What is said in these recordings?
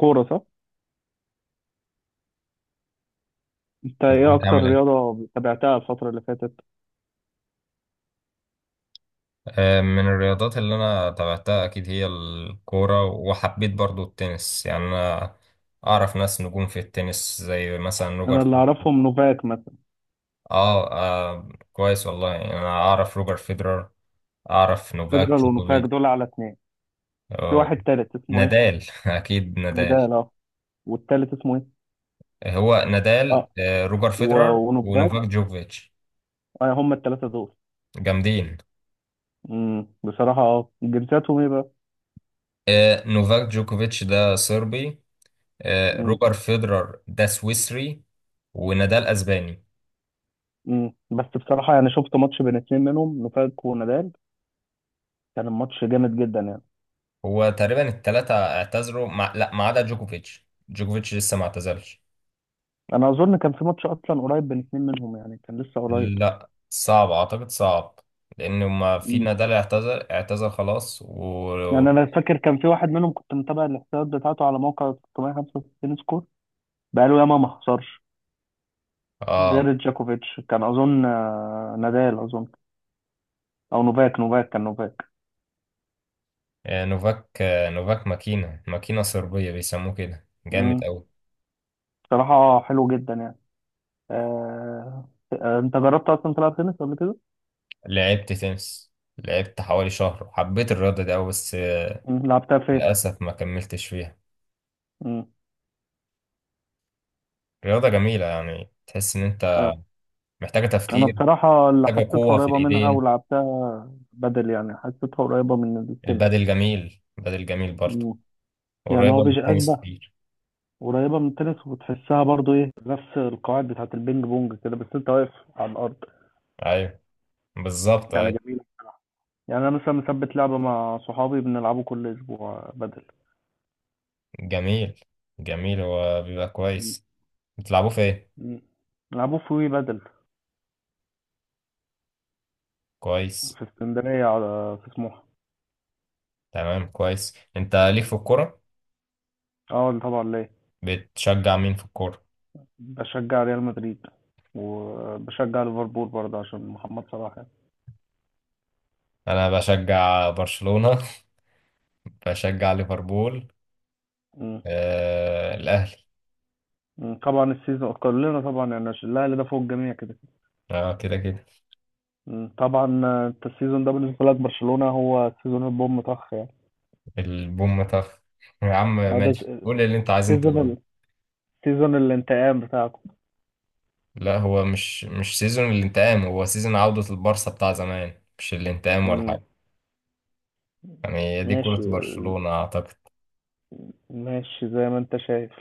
كورة صح؟ انت ايه ازيك اكتر عامل ايه؟ رياضة تابعتها الفترة اللي فاتت؟ من الرياضات اللي انا تابعتها اكيد هي الكورة، وحبيت برضو التنس. يعني انا اعرف ناس نجوم في التنس، زي مثلا انا روجر. اللي اعرفهم نوفاك مثلا. اه, آه، كويس والله. يعني انا اعرف روجر فيدرر، اعرف فيدرال نوفاك ونوفاك جوكوفيتش. دول على اتنين. في آه، واحد تالت اسمه ايه؟ نادال اكيد نادال. نادال، اه. والتالت اسمه ايه؟ هو نادال، اه. روجر و... فيدرر ونوفاك. ونوفاك جوكوفيتش. اه، هم التلاتة دول. جامدين. بصراحة جنسياتهم ايه بقى؟ آه، نوفاك جوكوفيتش ده صربي. امم. روجر فيدرر ده سويسري. ونادال اسباني. بس بصراحة، يعني شفت ماتش بين اتنين منهم، نوفاك ونادال. كان الماتش جامد جدا يعني. هو تقريبا الثلاثة اعتذروا لا، ما عدا جوكوفيتش لسه ما اعتزلش. انا اظن كان في ماتش اصلا قريب بين اتنين منهم، يعني كان لسه قريب. لا، صعب اعتقد، صعب. لان ما في، نادال اعتذر خلاص و... يعني انا فاكر كان في واحد منهم كنت متابع الاحصائيات بتاعته على موقع 365 سكور، بقاله ياما ما خسرش غير اه، جاكوفيتش. كان اظن نادال اظن، او نوفاك كان نوفاك. نوفاك ماكينة، ماكينة صربية، بيسموه كده جامد امم. قوي. بصراحه حلو جدا يعني. انت جربت اصلا تلعب تنس قبل كده؟ لعبت تنس، لعبت حوالي شهر. حبيت الرياضة دي قوي، بس لعبتها فين؟ للأسف ما كملتش فيها. امم. رياضة جميلة، يعني تحس إن أنت اه محتاجة انا تفكير، بصراحه اللي حاجة حسيتها قوة في قريبه منها الإيدين. ولعبتها بدل، يعني حسيتها قريبه من التنس. البادل جميل، البادل جميل برضه، مم. يعني هو قريبة من التنس بيشبه. كتير. قريبة من التنس، وبتحسها برضو ايه، نفس القواعد بتاعت البينج بونج كده، بس انت واقف على الارض. أيوة، بالظبط، يعني أيوة. جميلة. يعني انا مثلا مثبت لعبة مع صحابي بنلعبه كل اسبوع بدل. جميل، جميل، هو بيبقى م- كويس. بتلعبوه في إيه؟ م. بنلعبوه في وي بدل، كويس. في اسكندرية، على في سموحة. تمام، كويس. أنت ليك في الكورة؟ اه، طبعا ليه. بتشجع مين في الكورة؟ بشجع ريال مدريد، وبشجع ليفربول برضه عشان محمد صلاح يعني. أنا بشجع برشلونة بشجع ليفربول، م. آه الأهلي. م. طبعا السيزون كلنا طبعا، يعني عشان الاهلي ده فوق الجميع كده. أه، كده كده. م. طبعا. انت السيزون ده بالنسبة لك برشلونة هو سيزون البوم طخ يعني. البوم طف يا عم ده ماشي، قول اللي أنت عايز أنت سيزون تقوله. سيزون الانتقام بتاعكم. لا، هو مش سيزون الانتقام، هو سيزون عودة البارسا بتاع زمان، مش الانتقام ولا امم. حاجة. يعني هي دي ماشي. كرة برشلونة، أعتقد. ماشي زي ما انت شايف،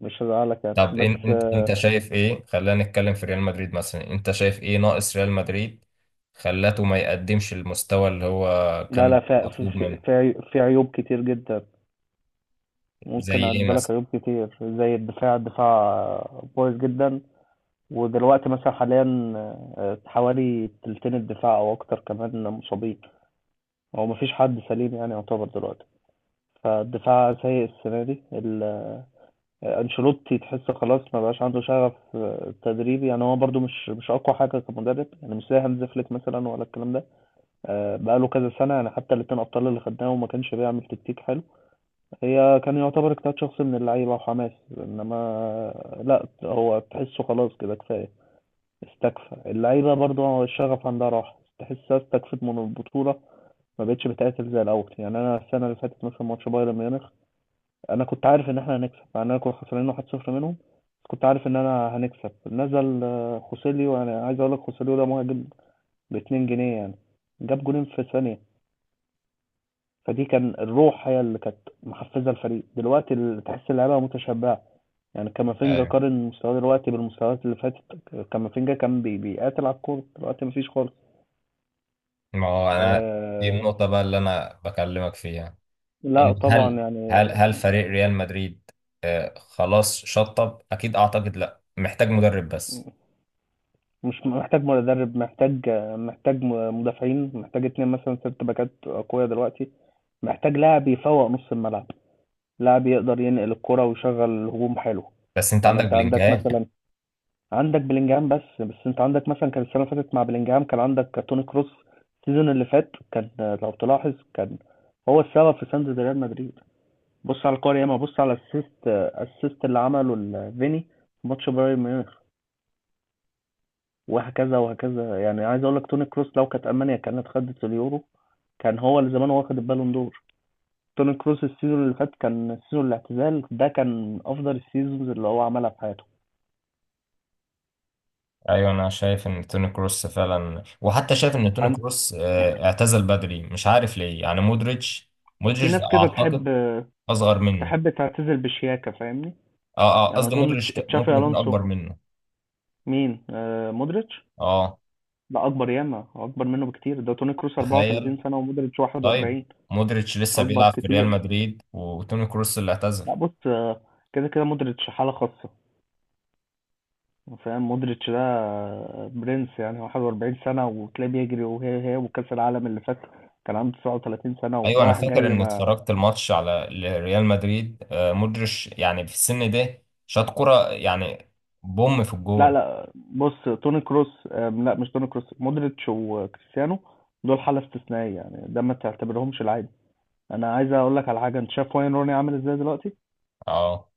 مش هزعلك يعني، طب بس انت آه، شايف ايه؟ خلينا نتكلم في ريال مدريد مثلا. انت شايف ايه ناقص ريال مدريد؟ خلاته ما يقدمش المستوى اللي هو لا، كان لا، في مطلوب منه. عيوب كتير جدا. زي ممكن ايه اعدلك مثلا؟ عيوب كتير، زي الدفاع كويس جدا ودلوقتي مثلا حاليا، حوالي تلتين الدفاع او اكتر كمان مصابين. هو مفيش حد سليم يعني يعتبر دلوقتي، فالدفاع سيء السنة دي. انشيلوتي تحس خلاص ما بقاش عنده شغف تدريبي، يعني هو برضو مش اقوى حاجه كمدرب، يعني مش زي هانز فليك مثلا ولا الكلام ده. بقاله كذا سنه يعني، حتى الاتنين ابطال اللي خدناهم ما كانش بيعمل تكتيك حلو. هي كان يعتبر اجتهاد شخصي من اللعيبه وحماس. انما لا، هو تحسه خلاص كده، كفايه، استكفى. اللعيبه برضو الشغف عندها راح، تحسها استكفت من البطوله، ما بقتش بتقاتل زي الاول. يعني انا السنه اللي فاتت مثلا، ماتش بايرن ميونخ، انا كنت عارف ان احنا هنكسب، مع اننا كنا خسرانين 1-0 منهم، بس كنت عارف ان انا هنكسب. نزل خوسيليو. انا عايز اقول لك، خوسيليو ده مهاجم ب 2 جنيه يعني، جاب جولين في ثانيه. فدي كان الروح هي اللي كانت محفزه الفريق. دلوقتي تحس اللعيبه متشبعه. يعني كامافينجا، ايوه. قارن مستواه دلوقتي بالمستويات اللي فاتت. كامافينجا كان بيقاتل على الكوره، دلوقتي مفيش خالص. ما هو انا، دي آه. النقطة بقى اللي انا بكلمك فيها. لا ان طبعا هل يعني. هل هل فريق ريال مدريد، خلاص شطب اكيد اعتقد. لا، محتاج مدرب بس. مش محتاج مدرب، محتاج مدافعين، محتاج اتنين مثلا، ست باكات قوية دلوقتي. محتاج لاعب يفوق نص الملعب، لاعب يقدر ينقل الكرة ويشغل الهجوم حلو. بس انت يعني عندك انت عندك بلينجهام. مثلا، عندك بلينجهام، بس انت عندك مثلا، كان السنة اللي فاتت مع بلينجهام كان عندك توني كروس. السيزون اللي فات كان، لو تلاحظ، كان هو السبب في سند ريال مدريد. بص على الكورة ياما، بص على الاسيست اللي عمله فيني في ماتش بايرن ميونخ، وهكذا وهكذا. يعني عايز اقول لك، توني كروس لو كانت المانيا كانت خدت اليورو، كان هو اللي زمان واخد البالون دور. توني كروس السيزون اللي فات، كان السيزون الاعتزال ده، كان افضل السيزونز اللي هو عملها في حياته. ايوه، انا شايف ان توني كروس فعلا، وحتى شايف ان توني عن- كروس اعتزل بدري مش عارف ليه. يعني مودريتش، في مودريتش ناس كده تحب، اعتقد اصغر منه. تعتزل بشياكة، فاهمني؟ اه اه، يعني قصدي اظن مودريتش تشافي ممكن يكون الونسو. اكبر منه. مين؟ مودريتش؟ اه، لا اكبر، ياما اكبر منه بكتير. ده توني كروس 34 تخيل. سنة ومودريتش طيب، 41، مودريتش لسه اكبر بيلعب في ريال كتير. مدريد، وتوني كروس اللي اعتزل. لا، بص، كده كده مودريتش حالة خاصة. فاهم؟ مودريتش ده برنس يعني. هو 41 سنة وتلاقيه بيجري، وهي هي وكأس العالم اللي فات كان عنده 39 سنة ايوه، انا ورايح فاكر جاي ان ما. اتفرجت الماتش على ريال مدريد. مودريتش يعني في السن ده شاط كرة، يعني بوم في لا، الجون. لا، بص، توني كروس لا، مش توني كروس، مودريتش وكريستيانو، دول حالة استثنائية يعني، ده ما تعتبرهمش العادي. انا عايز اقول لك على حاجة، انت شايف واين روني عامل ازاي دلوقتي؟ اه،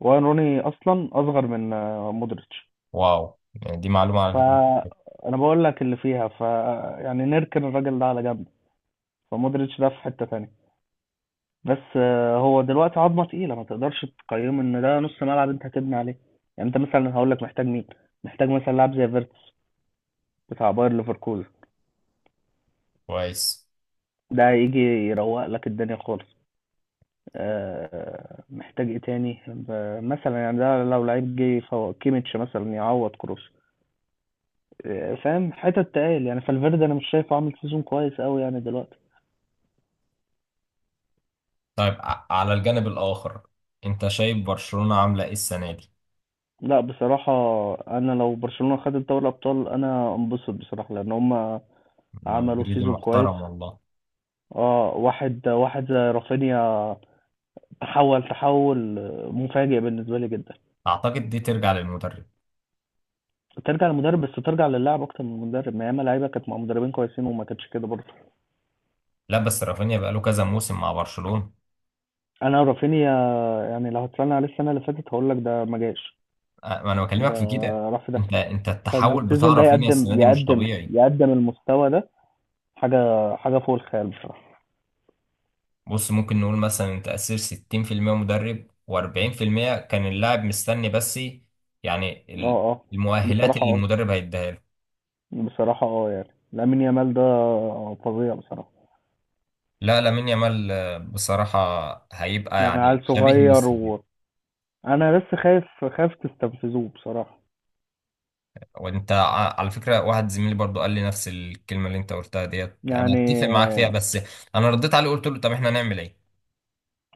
واين روني اصلا اصغر من مودريتش. واو، يعني دي معلومة على فكرة. فانا بقول لك اللي فيها، ف يعني نركن الراجل ده على جنب. فمودريتش ده في حتة تانية، بس هو دلوقتي عظمه تقيله، ما تقدرش تقيمه ان ده نص ملعب انت هتبني عليه. يعني انت مثلا هقول لك، محتاج مين؟ محتاج مثلا لاعب زي فيرتس بتاع باير ليفركوزن، كويس. ده يجي يروق لك الدنيا خالص. محتاج ايه تاني، مثلا، يعني ده لو لعيب جه يفوق كيميتش مثلا، يعوض كروس. فاهم؟ حتت تقال يعني. فالفيردي انا مش شايفه عامل سيزون كويس قوي يعني دلوقتي. طيب، على الجانب الآخر، أنت شايف برشلونة عاملة إيه السنة دي؟ لا بصراحة، أنا لو برشلونة خدت دوري الأبطال أنا أنبسط بصراحة، لأن هما عملوا مدريدي سيزون كويس. محترم والله. اه، واحد واحد زي رافينيا، تحول مفاجئ بالنسبه لي جدا. أعتقد دي ترجع للمدرب. ترجع للمدرب، بس ترجع للاعب اكتر من المدرب. ما ياما لعيبه كانت مع مدربين كويسين وما كانتش كده برضه. لا، بس رافينيا بقاله كذا موسم مع برشلونة. انا رافينيا، يعني لو هتسالني عليه السنه اللي فاتت هقول لك ده ما جاش. ما أنا ده بكلمك في كده. راح في ده، أنت التحول بتاع فالسيزون ده رافينيا السنة يقدم، دي مش طبيعي. المستوى ده، حاجه حاجه فوق الخيال بصراحه. بص، ممكن نقول مثلا أنت أسير 60% مدرب و40% كان اللاعب مستني بس. يعني اه اه، المؤهلات بصراحه اللي اه. المدرب هيديها له. يعني لامين يامال ده فظيع بصراحه. لا، لامين يامال بصراحة هيبقى يعني يعني عيل شبيه صغير ميسي. انا بس خايف تستنفذوه بصراحه وانت على فكرة، واحد زميلي برضو قال لي نفس الكلمة اللي انت قلتها ديت، انا يعني. اتفق معاك فيها. بس انا رديت عليه، قلت له طب احنا نعمل ايه؟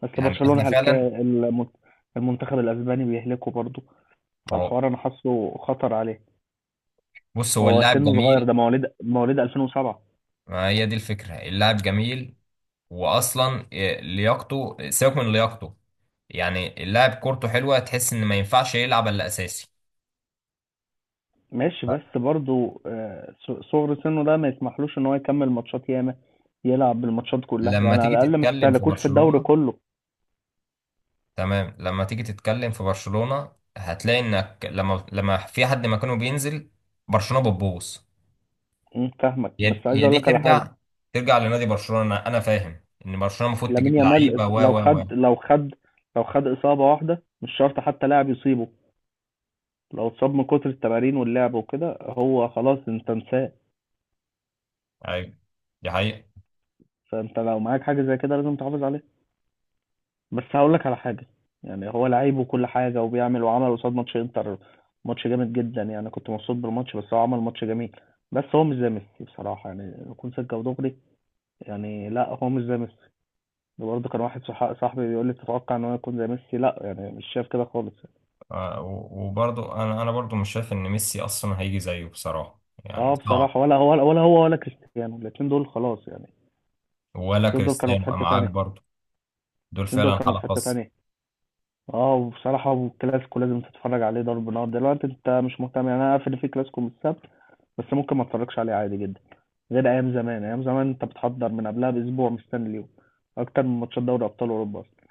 اصل يعني برشلونه احنا هلكا فعلا. المنتخب الاسباني بيهلكه برضه. ما هو، فالحوار انا حاسه خطر عليه. بص، هو هو اللاعب سنه صغير، جميل. ده مواليد 2007. ما هي دي الفكرة، اللاعب جميل. واصلا إيه، لياقته؟ سيبك من لياقته. يعني اللاعب كورته حلوة، تحس ان ما ينفعش يلعب الا اساسي. ماشي، بس برضه صغر سنه ده ما يسمحلوش ان هو يكمل ماتشات ياما، يلعب بالماتشات كلها. لما يعني على تيجي الاقل ما تتكلم في تستهلكوش في الدوري برشلونة، كله. تمام، لما تيجي تتكلم في برشلونة هتلاقي انك لما في حد مكانه بينزل، برشلونة بتبوظ. فاهمك، هي بس عايز هي اقول دي لك على حاجه. ترجع، ترجع لنادي برشلونة. انا فاهم ان برشلونة المفروض تجيب لامين يامال لعيبة و و و لو خد اصابه واحده، مش شرط حتى لاعب يصيبه، لو اتصاب من كتر التمارين واللعب وكده، هو خلاص، انت انساه. ايوه، دي حقيقة. فانت لو معاك حاجه زي كده لازم تحافظ عليها. بس هقول لك على حاجه. يعني هو لعيب وكل حاجه وبيعمل، وعمل قصاد ماتش انتر، ماتش جامد جدا يعني. كنت مبسوط بالماتش، بس هو عمل ماتش جميل. بس هو مش زي ميسي بصراحه، يعني يكون سكه ودغري. يعني لا، هو مش زي ميسي. ده برضه كان واحد صاحبي بيقول لي تتوقع ان هو يكون زي ميسي، لا يعني مش شايف كده خالص. وبرضه انا برضه مش شايف ان ميسي اصلا هيجي زيه بصراحة، يعني اه، صعب. بصراحه ولا هو، ولا هو ولا كريستيانو، الاتنين دول خلاص يعني. ولا الاتنين دول كانوا في كريستيانو حته معاك تانية. برضه، دول الاتنين دول فعلا كانوا في حالة حته خاصة. تانية. اه، وبصراحة الكلاسيكو لازم تتفرج عليه، ضرب نار. دلوقتي انت مش مهتم، يعني انا عارف ان في كلاسيكو من السبت، بس ممكن ما اتفرجش عليه عادي جدا، غير ايام زمان. ايام زمان انت بتحضر من قبلها باسبوع، مستني اليوم اكتر من ماتشات دوري ابطال اوروبا اصلا.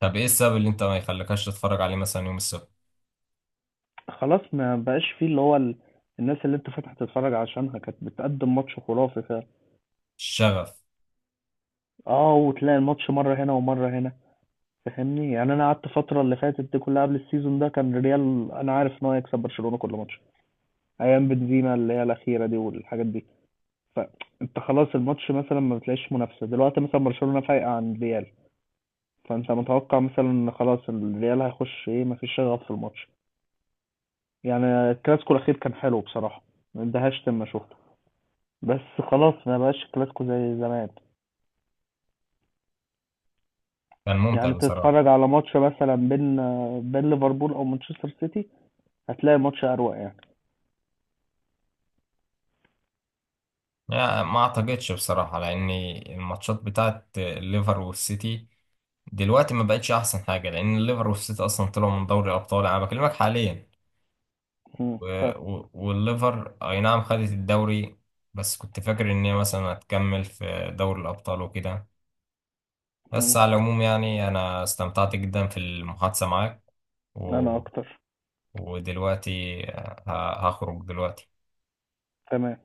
طب ايه السبب اللي انت ما يخليكش تتفرج عليه مثلا يوم السبت؟ خلاص ما بقاش فيه اللي هو الناس اللي انت فاتح تتفرج عشانها كانت بتقدم ماتش خرافي فعلا. الشغف. اه، وتلاقي الماتش مرة هنا ومرة هنا، فاهمني؟ يعني انا قعدت الفترة اللي فاتت دي كلها، قبل السيزون ده كان الريال، انا عارف ان هو يكسب برشلونة كل ماتش، ايام بنزيما اللي هي الاخيرة دي والحاجات دي. فانت خلاص الماتش مثلا ما بتلاقيش منافسه. دلوقتي مثلا برشلونه فايقه عن الريال، فانت متوقع مثلا ان خلاص الريال هيخش ايه، مفيش شغف في الماتش. يعني الكلاسيكو الاخير كان حلو بصراحه، ما اندهشت لما شفته، بس خلاص ما بقاش الكلاسيكو زي زمان. كان ممتع يعني بصراحة. تتفرج على ماتش مثلا بين ليفربول او مانشستر سيتي، هتلاقي الماتش اروق يعني. لا، ما اعتقدش بصراحة، لان الماتشات بتاعت الليفر والسيتي دلوقتي ما بقتش احسن حاجة، لان الليفر والسيتي اصلا طلعوا من دوري الابطال، انا بكلمك حاليا. مم، و... ف والليفر اي نعم خدت الدوري، بس كنت فاكر ان هي مثلا هتكمل في دوري الابطال وكده. بس مم، على العموم يعني انا استمتعت جدا في المحادثة معاك. و... انا اكتر. ودلوقتي هخرج دلوقتي. تمام.